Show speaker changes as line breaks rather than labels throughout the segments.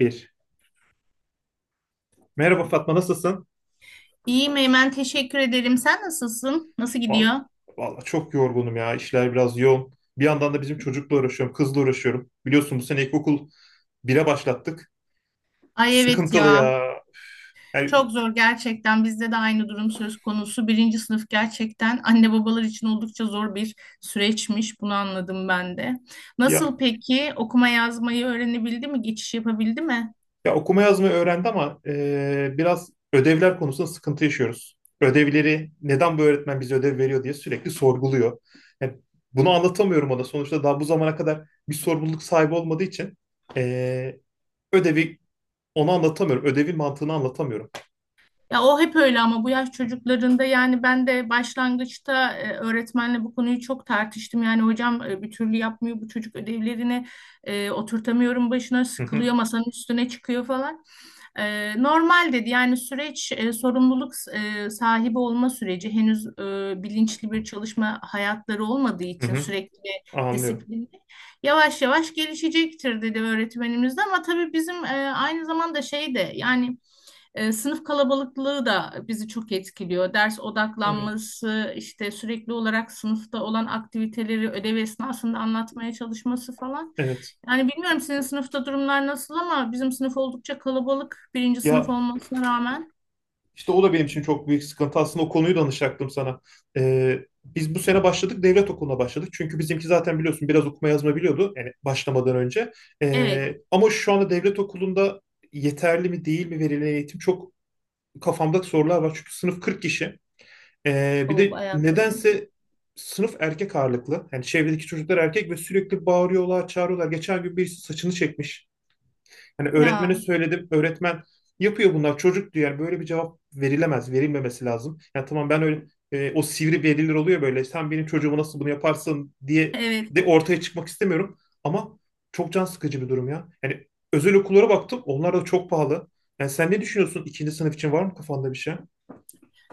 Bir. Merhaba Fatma, nasılsın?
İyiyim Eymen, teşekkür ederim. Sen nasılsın? Nasıl
Vallahi,
gidiyor?
vallahi, çok yorgunum ya. İşler biraz yoğun. Bir yandan da bizim çocukla uğraşıyorum. Kızla uğraşıyorum. Biliyorsun bu sene ilkokul 1'e başlattık.
Ay evet
Sıkıntılı
ya.
ya. Yani,
Çok zor gerçekten. Bizde de aynı durum söz konusu. Birinci sınıf gerçekten anne babalar için oldukça zor bir süreçmiş. Bunu anladım ben de.
ya,
Nasıl peki? Okuma yazmayı öğrenebildi mi? Geçiş yapabildi mi?
ya okuma yazmayı öğrendi ama biraz ödevler konusunda sıkıntı yaşıyoruz. Ödevleri neden bu öğretmen bize ödev veriyor diye sürekli sorguluyor. Yani bunu anlatamıyorum ona. Sonuçta daha bu zamana kadar bir sorumluluk sahibi olmadığı için e, ödevi ona anlatamıyorum. Ödevin mantığını anlatamıyorum.
Ya o hep öyle ama bu yaş çocuklarında yani ben de başlangıçta öğretmenle bu konuyu çok tartıştım. Yani hocam, bir türlü yapmıyor bu çocuk ödevlerini, oturtamıyorum başına,
Hı
sıkılıyor,
hı,
masanın üstüne çıkıyor falan. Normal dedi, yani süreç, sorumluluk sahibi olma süreci henüz, bilinçli bir çalışma hayatları olmadığı
hı
için,
hı.
sürekli ve
Anlıyorum.
disiplinli yavaş yavaş gelişecektir dedi öğretmenimiz de. Ama tabii bizim aynı zamanda şey de, yani sınıf kalabalıklığı da bizi çok etkiliyor. Ders
Evet,
odaklanması, işte sürekli olarak sınıfta olan aktiviteleri ödev esnasında anlatmaya çalışması falan.
evet.
Yani bilmiyorum senin sınıfta durumlar nasıl ama bizim sınıf oldukça kalabalık, birinci sınıf
Ya
olmasına rağmen.
işte o da benim için çok büyük sıkıntı. Aslında o konuyu danışacaktım sana. Ee, biz bu sene başladık, devlet okuluna başladık. Çünkü bizimki zaten biliyorsun biraz okuma yazma biliyordu yani başlamadan önce.
Evet.
Ama şu anda devlet okulunda yeterli mi değil mi verilen eğitim, çok kafamda sorular var. Çünkü sınıf 40 kişi. Bir
O
de
bayağı kalabalık.
nedense sınıf erkek ağırlıklı. Yani çevredeki çocuklar erkek ve sürekli bağırıyorlar, çağırıyorlar. Geçen gün birisi saçını çekmiş. Hani
Ya,
öğretmene söyledim. Öğretmen yapıyor bunlar, çocuk diyor. Yani böyle bir cevap verilemez, verilmemesi lazım. Yani tamam, ben öyle o sivri veliler oluyor böyle, sen benim çocuğuma nasıl bunu yaparsın diye
evet.
de ortaya çıkmak istemiyorum. Ama çok can sıkıcı bir durum ya. Yani özel okullara baktım. Onlar da çok pahalı. Yani sen ne düşünüyorsun? İkinci sınıf için var mı kafanda bir şey?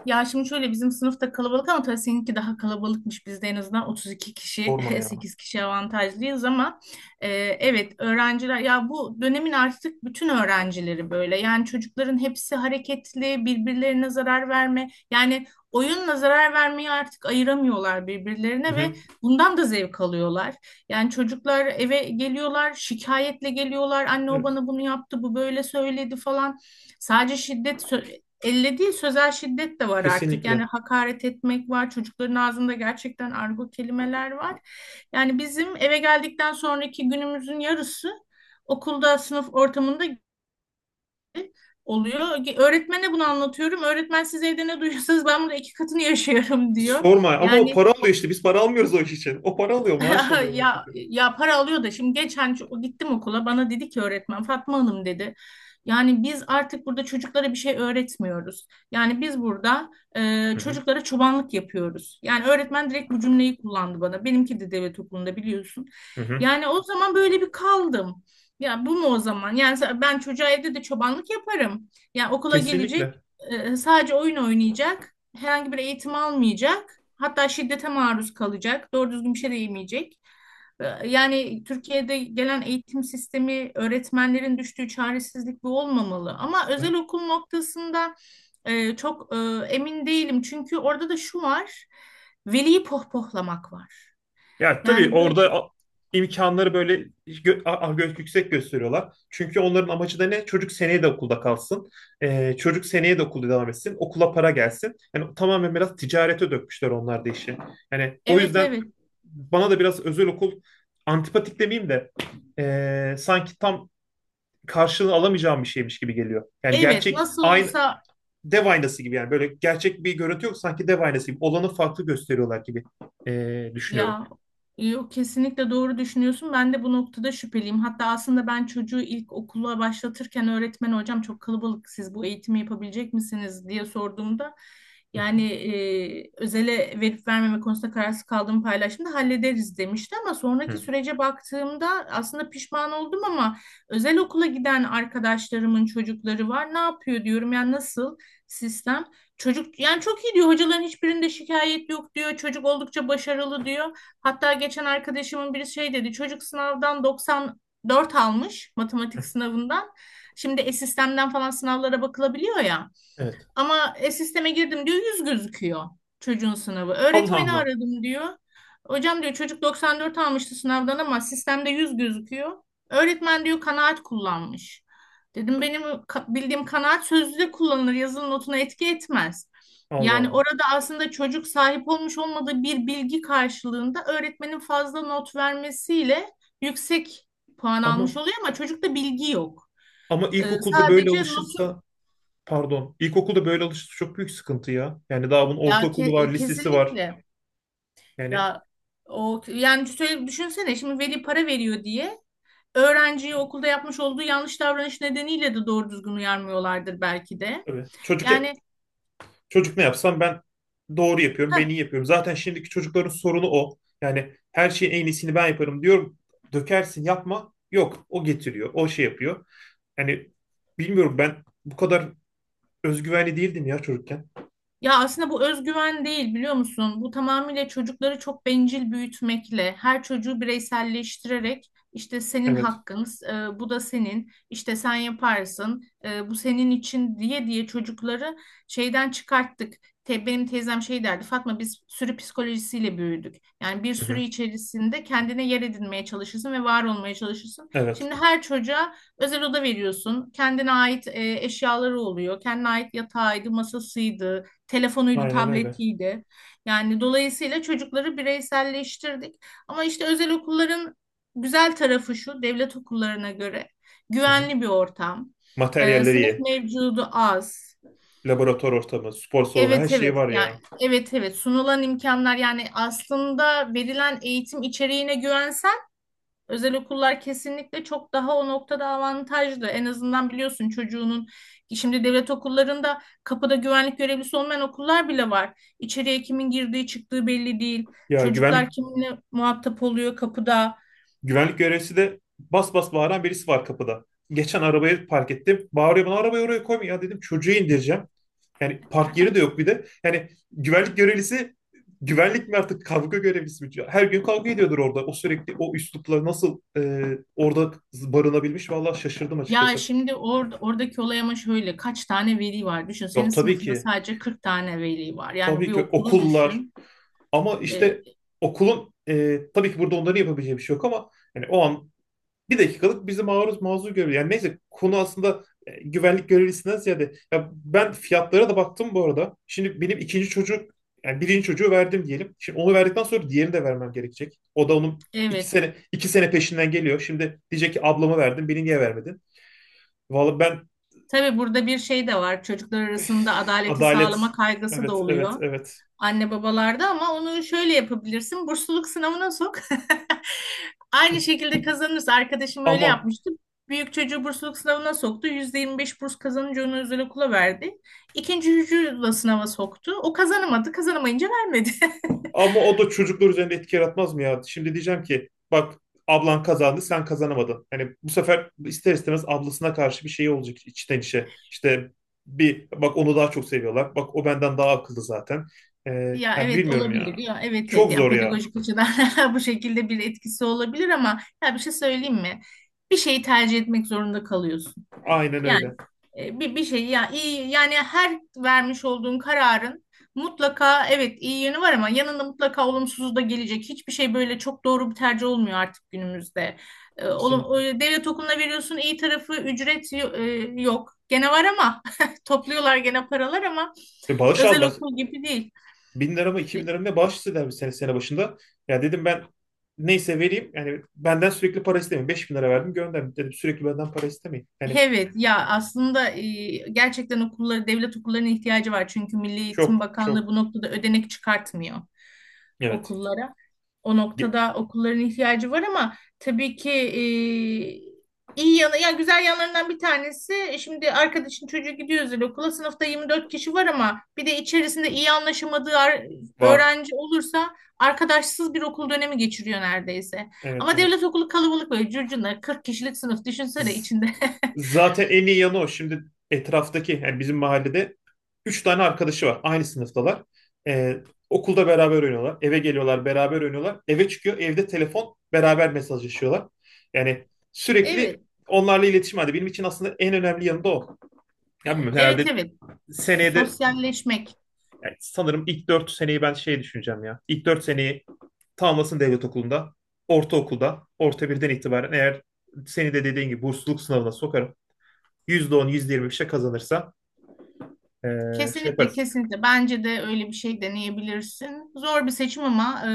Ya şimdi şöyle, bizim sınıfta kalabalık ama tabii seninki daha kalabalıkmış. Bizde en azından 32 kişi,
Sorma ya.
8 kişi avantajlıyız ama e, evet, öğrenciler ya bu dönemin artık bütün öğrencileri böyle. Yani çocukların hepsi hareketli, birbirlerine zarar verme, yani oyunla zarar vermeyi artık ayıramıyorlar
Hı
birbirlerine ve
hı.
bundan da zevk alıyorlar. Yani çocuklar eve geliyorlar, şikayetle geliyorlar. Anne o
Evet.
bana bunu yaptı, bu böyle söyledi falan. Sadece şiddet elle değil, sözel şiddet de var artık. Yani
Kesinlikle.
hakaret etmek var. Çocukların ağzında gerçekten argo kelimeler var. Yani bizim eve geldikten sonraki günümüzün yarısı okulda, sınıf ortamında oluyor. Öğretmene bunu anlatıyorum. Öğretmen, "Siz evde ne duyuyorsanız ben bunu 2 katını yaşıyorum," diyor.
Sorma, ama o
Yani
para alıyor işte. Biz para almıyoruz o iş için. O para alıyor, maaş alıyor o iş
ya,
için.
ya para alıyor da. Şimdi geçen gittim okula, bana dedi ki öğretmen, "Fatma Hanım," dedi, "yani biz artık burada çocuklara bir şey öğretmiyoruz. Yani biz burada
Hı hı.
çocuklara çobanlık yapıyoruz." Yani öğretmen direkt bu cümleyi kullandı bana. Benimki de devlet okulunda, biliyorsun.
Hı hı.
Yani o zaman böyle bir kaldım. Ya, bu mu o zaman? Yani ben çocuğa evde de çobanlık yaparım. Yani okula gelecek,
Kesinlikle.
sadece oyun oynayacak, herhangi bir eğitim almayacak, hatta şiddete maruz kalacak, doğru düzgün bir şey de yemeyecek. Yani Türkiye'de gelen eğitim sistemi, öğretmenlerin düştüğü çaresizlik bu olmamalı. Ama
Ya,
özel okul noktasında çok emin değilim, çünkü orada da şu var: veliyi pohpohlamak var.
Ya, tabii
Yani
orada
böyle,
imkanları böyle yüksek gösteriyorlar. Çünkü onların amacı da ne? Çocuk seneye de okulda kalsın. Çocuk seneye de okulda devam etsin. Okula para gelsin. Yani tamamen biraz ticarete dökmüşler onlar da işi. Yani o
evet,
yüzden
evet.
bana da biraz özel okul antipatik demeyeyim de sanki tam karşılığını alamayacağım bir şeymiş gibi geliyor. Yani
Evet,
gerçek
nasıl
aynı
olsa.
dev aynası gibi, yani böyle gerçek bir görüntü yok, sanki dev aynası gibi olanı farklı gösteriyorlar gibi düşünüyorum.
Ya, yok, kesinlikle doğru düşünüyorsun. Ben de bu noktada şüpheliyim. Hatta aslında ben çocuğu ilk okula başlatırken, öğretmen hocam çok kalabalık, siz bu eğitimi yapabilecek misiniz diye sorduğumda,
Hı
yani özele verip vermeme konusunda kararsız kaldığımı paylaştığımda, "Hallederiz," demişti, ama
hı.
sonraki
Hı.
sürece baktığımda aslında pişman oldum. Ama özel okula giden arkadaşlarımın çocukları var. "Ne yapıyor?" diyorum, "Yani nasıl sistem?" Çocuk yani çok iyi diyor, hocaların hiçbirinde şikayet yok diyor, çocuk oldukça başarılı diyor. Hatta geçen arkadaşımın biri şey dedi: çocuk sınavdan 94 almış, matematik sınavından. Şimdi e-sistemden falan sınavlara bakılabiliyor ya.
Evet.
Ama sisteme girdim diyor, 100 gözüküyor çocuğun sınavı.
Allah
Öğretmeni
Allah.
aradım diyor. "Hocam," diyor, "çocuk 94 almıştı sınavdan ama sistemde 100 gözüküyor." Öğretmen diyor kanaat kullanmış. Dedim, "Benim bildiğim kanaat sözlüde kullanılır, yazılı notuna etki etmez."
Allah
Yani
Allah.
orada aslında çocuk sahip olmuş olmadığı bir bilgi karşılığında, öğretmenin fazla not vermesiyle yüksek puan almış
Ama
oluyor ama çocukta bilgi yok.
ama
Sadece notu
ilkokulda böyle alışırsa çok büyük sıkıntı ya. Yani daha bunun
ya,
ortaokulu var, lisesi var.
kesinlikle.
Yani
Ya o yani şöyle düşünsene, şimdi veli para veriyor diye öğrenciyi okulda yapmış olduğu yanlış davranış nedeniyle de doğru düzgün uyarmıyorlardır belki de.
tabii. Çocuk
Yani,
Çocuk ne yapsam ben doğru yapıyorum, ben
ha,
iyi yapıyorum. Zaten şimdiki çocukların sorunu o. Yani her şeyin en iyisini ben yaparım diyorum. Dökersin, yapma. Yok, o getiriyor, o şey yapıyor. Yani bilmiyorum, ben bu kadar özgüvenli değildim ya çocukken.
ya aslında bu özgüven değil, biliyor musun? Bu tamamıyla çocukları çok bencil büyütmekle, her çocuğu bireyselleştirerek, işte senin
Evet.
hakkın, bu da senin, işte sen yaparsın, bu senin için," diye diye çocukları şeyden çıkarttık. Benim teyzem şey derdi: "Fatma, biz sürü psikolojisiyle büyüdük." Yani bir
Hı
sürü
hı.
içerisinde kendine yer edinmeye çalışırsın ve var olmaya çalışırsın.
Evet.
Şimdi her çocuğa özel oda veriyorsun, kendine ait eşyaları oluyor, kendine ait yatağıydı, masasıydı, telefonuydu,
Aynen öyle.
tabletiydi. Yani dolayısıyla çocukları bireyselleştirdik. Ama işte özel okulların güzel tarafı şu: devlet okullarına göre
Hı hı.
güvenli bir ortam, Ee,
Materyalleri
sınıf
ye.
mevcudu az.
Laboratuvar ortamı, spor salonu her
Evet,
şey
evet,
var
yani
ya.
evet, evet, sunulan imkanlar, yani aslında verilen eğitim içeriğine güvensen özel okullar kesinlikle çok daha o noktada avantajlı. En azından biliyorsun çocuğunun, şimdi devlet okullarında kapıda güvenlik görevlisi olmayan okullar bile var. İçeriye kimin girdiği çıktığı belli değil.
Ya güvenlik
Çocuklar kiminle muhatap oluyor kapıda.
Güvenlik görevlisi de bas bas bağıran birisi var kapıda. Geçen arabayı park ettim. Bağırıyor bana, arabayı oraya koyma ya dedim, çocuğu indireceğim. Yani park yeri de yok bir de. Yani güvenlik görevlisi güvenlik mi artık, kavga görevlisi mi? Her gün kavga ediyordur orada. O sürekli o üslupla nasıl orada barınabilmiş, vallahi şaşırdım
Ya
açıkçası.
şimdi, oradaki olay ama şöyle, kaç tane veli var? Düşün, senin
Yok tabii
sınıfında
ki.
sadece 40 tane veli var. Yani
Tabii
bir
ki
okulu
okullar,
düşün.
ama
Ee,
işte okulun tabii ki burada onların yapabileceği bir şey yok, ama yani o an bir dakikalık bizi maruz mazur görüyor. Yani neyse, konu aslında güvenlik görevlisinden ziyade. Ya ben fiyatlara da baktım bu arada. Şimdi benim ikinci çocuk, yani birinci çocuğu verdim diyelim. Şimdi onu verdikten sonra diğerini de vermem gerekecek. O da onun iki
Evet.
sene, iki sene peşinden geliyor. Şimdi diyecek ki ablama verdim beni niye vermedin? Vallahi ben
Tabii burada bir şey de var: çocuklar arasında adaleti
adalet,
sağlama kaygısı da
evet,
oluyor
evet, evet,
anne babalarda. Ama onu şöyle yapabilirsin: bursluluk sınavına sok. Aynı şekilde kazanırsa. Arkadaşım öyle
ama.
yapmıştı: büyük çocuğu bursluluk sınavına soktu, %25 burs kazanınca onu özel okula verdi. İkinci çocuğu da sınava soktu, o kazanamadı. Kazanamayınca vermedi.
Ama o da çocuklar üzerinde etki yaratmaz mı ya? Şimdi diyeceğim ki bak, ablan kazandı sen kazanamadın. Hani bu sefer ister istemez ablasına karşı bir şey olacak içten içe. İşte bir bak, onu daha çok seviyorlar. Bak, o benden daha akıllı zaten. Ee,
Ya,
ya
evet,
bilmiyorum ya.
olabilir ya, evet, evet,
Çok
yani
zor ya.
pedagojik açıdan bu şekilde bir etkisi olabilir ama ya bir şey söyleyeyim mi? Bir şeyi tercih etmek zorunda kalıyorsun.
Aynen
Yani
öyle.
bir şey ya iyi, yani her vermiş olduğun kararın mutlaka evet iyi yönü var ama yanında mutlaka olumsuzu da gelecek. Hiçbir şey böyle çok doğru bir tercih olmuyor artık günümüzde. E, olum,
Kesinlikle.
e, devlet okuluna veriyorsun, iyi tarafı ücret yok. Gene var ama topluyorlar gene paralar, ama
Ve bağış
özel
aldılar.
okul gibi değil.
1.000 lira mı iki
E,
bin lira mı ne bağış istediler bir sene, sene başında. Ya dedim ben, neyse vereyim. Yani benden sürekli para istemeyin. 5.000 lira verdim, gönderdim. Dedim, sürekli benden para istemeyin. Yani
Evet, ya aslında gerçekten okulları, devlet okullarına ihtiyacı var, çünkü Milli Eğitim
çok
Bakanlığı
çok.
bu noktada ödenek çıkartmıyor
Evet.
okullara. O
Ge-
noktada okulların ihtiyacı var. Ama tabii ki iyi yanı, ya güzel yanlarından bir tanesi, şimdi arkadaşın çocuğu gidiyor özel okula, sınıfta 24 kişi var ama bir de içerisinde iyi anlaşamadığı
Var.
öğrenci olursa arkadaşsız bir okul dönemi geçiriyor neredeyse.
Evet
Ama devlet
evet.
okulu kalabalık, böyle curcuna, 40 kişilik sınıf düşünsene
Z-
içinde.
zaten en iyi yanı o. Şimdi etraftaki, yani bizim mahallede üç tane arkadaşı var. Aynı sınıftalar. Ee, okulda beraber oynuyorlar. Eve geliyorlar, beraber oynuyorlar. Eve çıkıyor, evde telefon beraber mesajlaşıyorlar. Yani sürekli
Evet,
onlarla iletişim halinde. Benim için aslında en önemli yanı da o. Ya bilmiyorum,
evet,
herhalde
evet.
seneye de.
Sosyalleşmek.
Yani sanırım ilk 4 seneyi ben şey düşüneceğim ya. İlk 4 seneyi tamamlasın devlet okulunda. Ortaokulda, orta birden itibaren eğer seni de dediğin gibi bursluluk sınavına sokarım. %10, yüzde yirmi bir şey kazanırsa şey
Kesinlikle,
yaparız.
kesinlikle. Bence de öyle bir şey deneyebilirsin. Zor bir seçim ama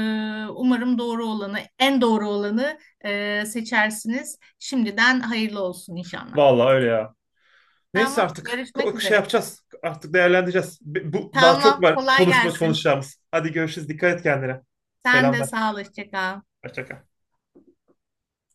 umarım doğru olanı, en doğru olanı seçersiniz. Şimdiden hayırlı olsun inşallah.
Vallahi öyle ya. Neyse
Tamam,
artık
görüşmek
şey
üzere.
yapacağız. Artık değerlendireceğiz. Bu daha çok
Tamam,
var
kolay gelsin.
konuşacağımız. Hadi görüşürüz. Dikkat et kendine.
Sen de
Selamlar.
sağ ol, hoşça kal.
Hoşça kal.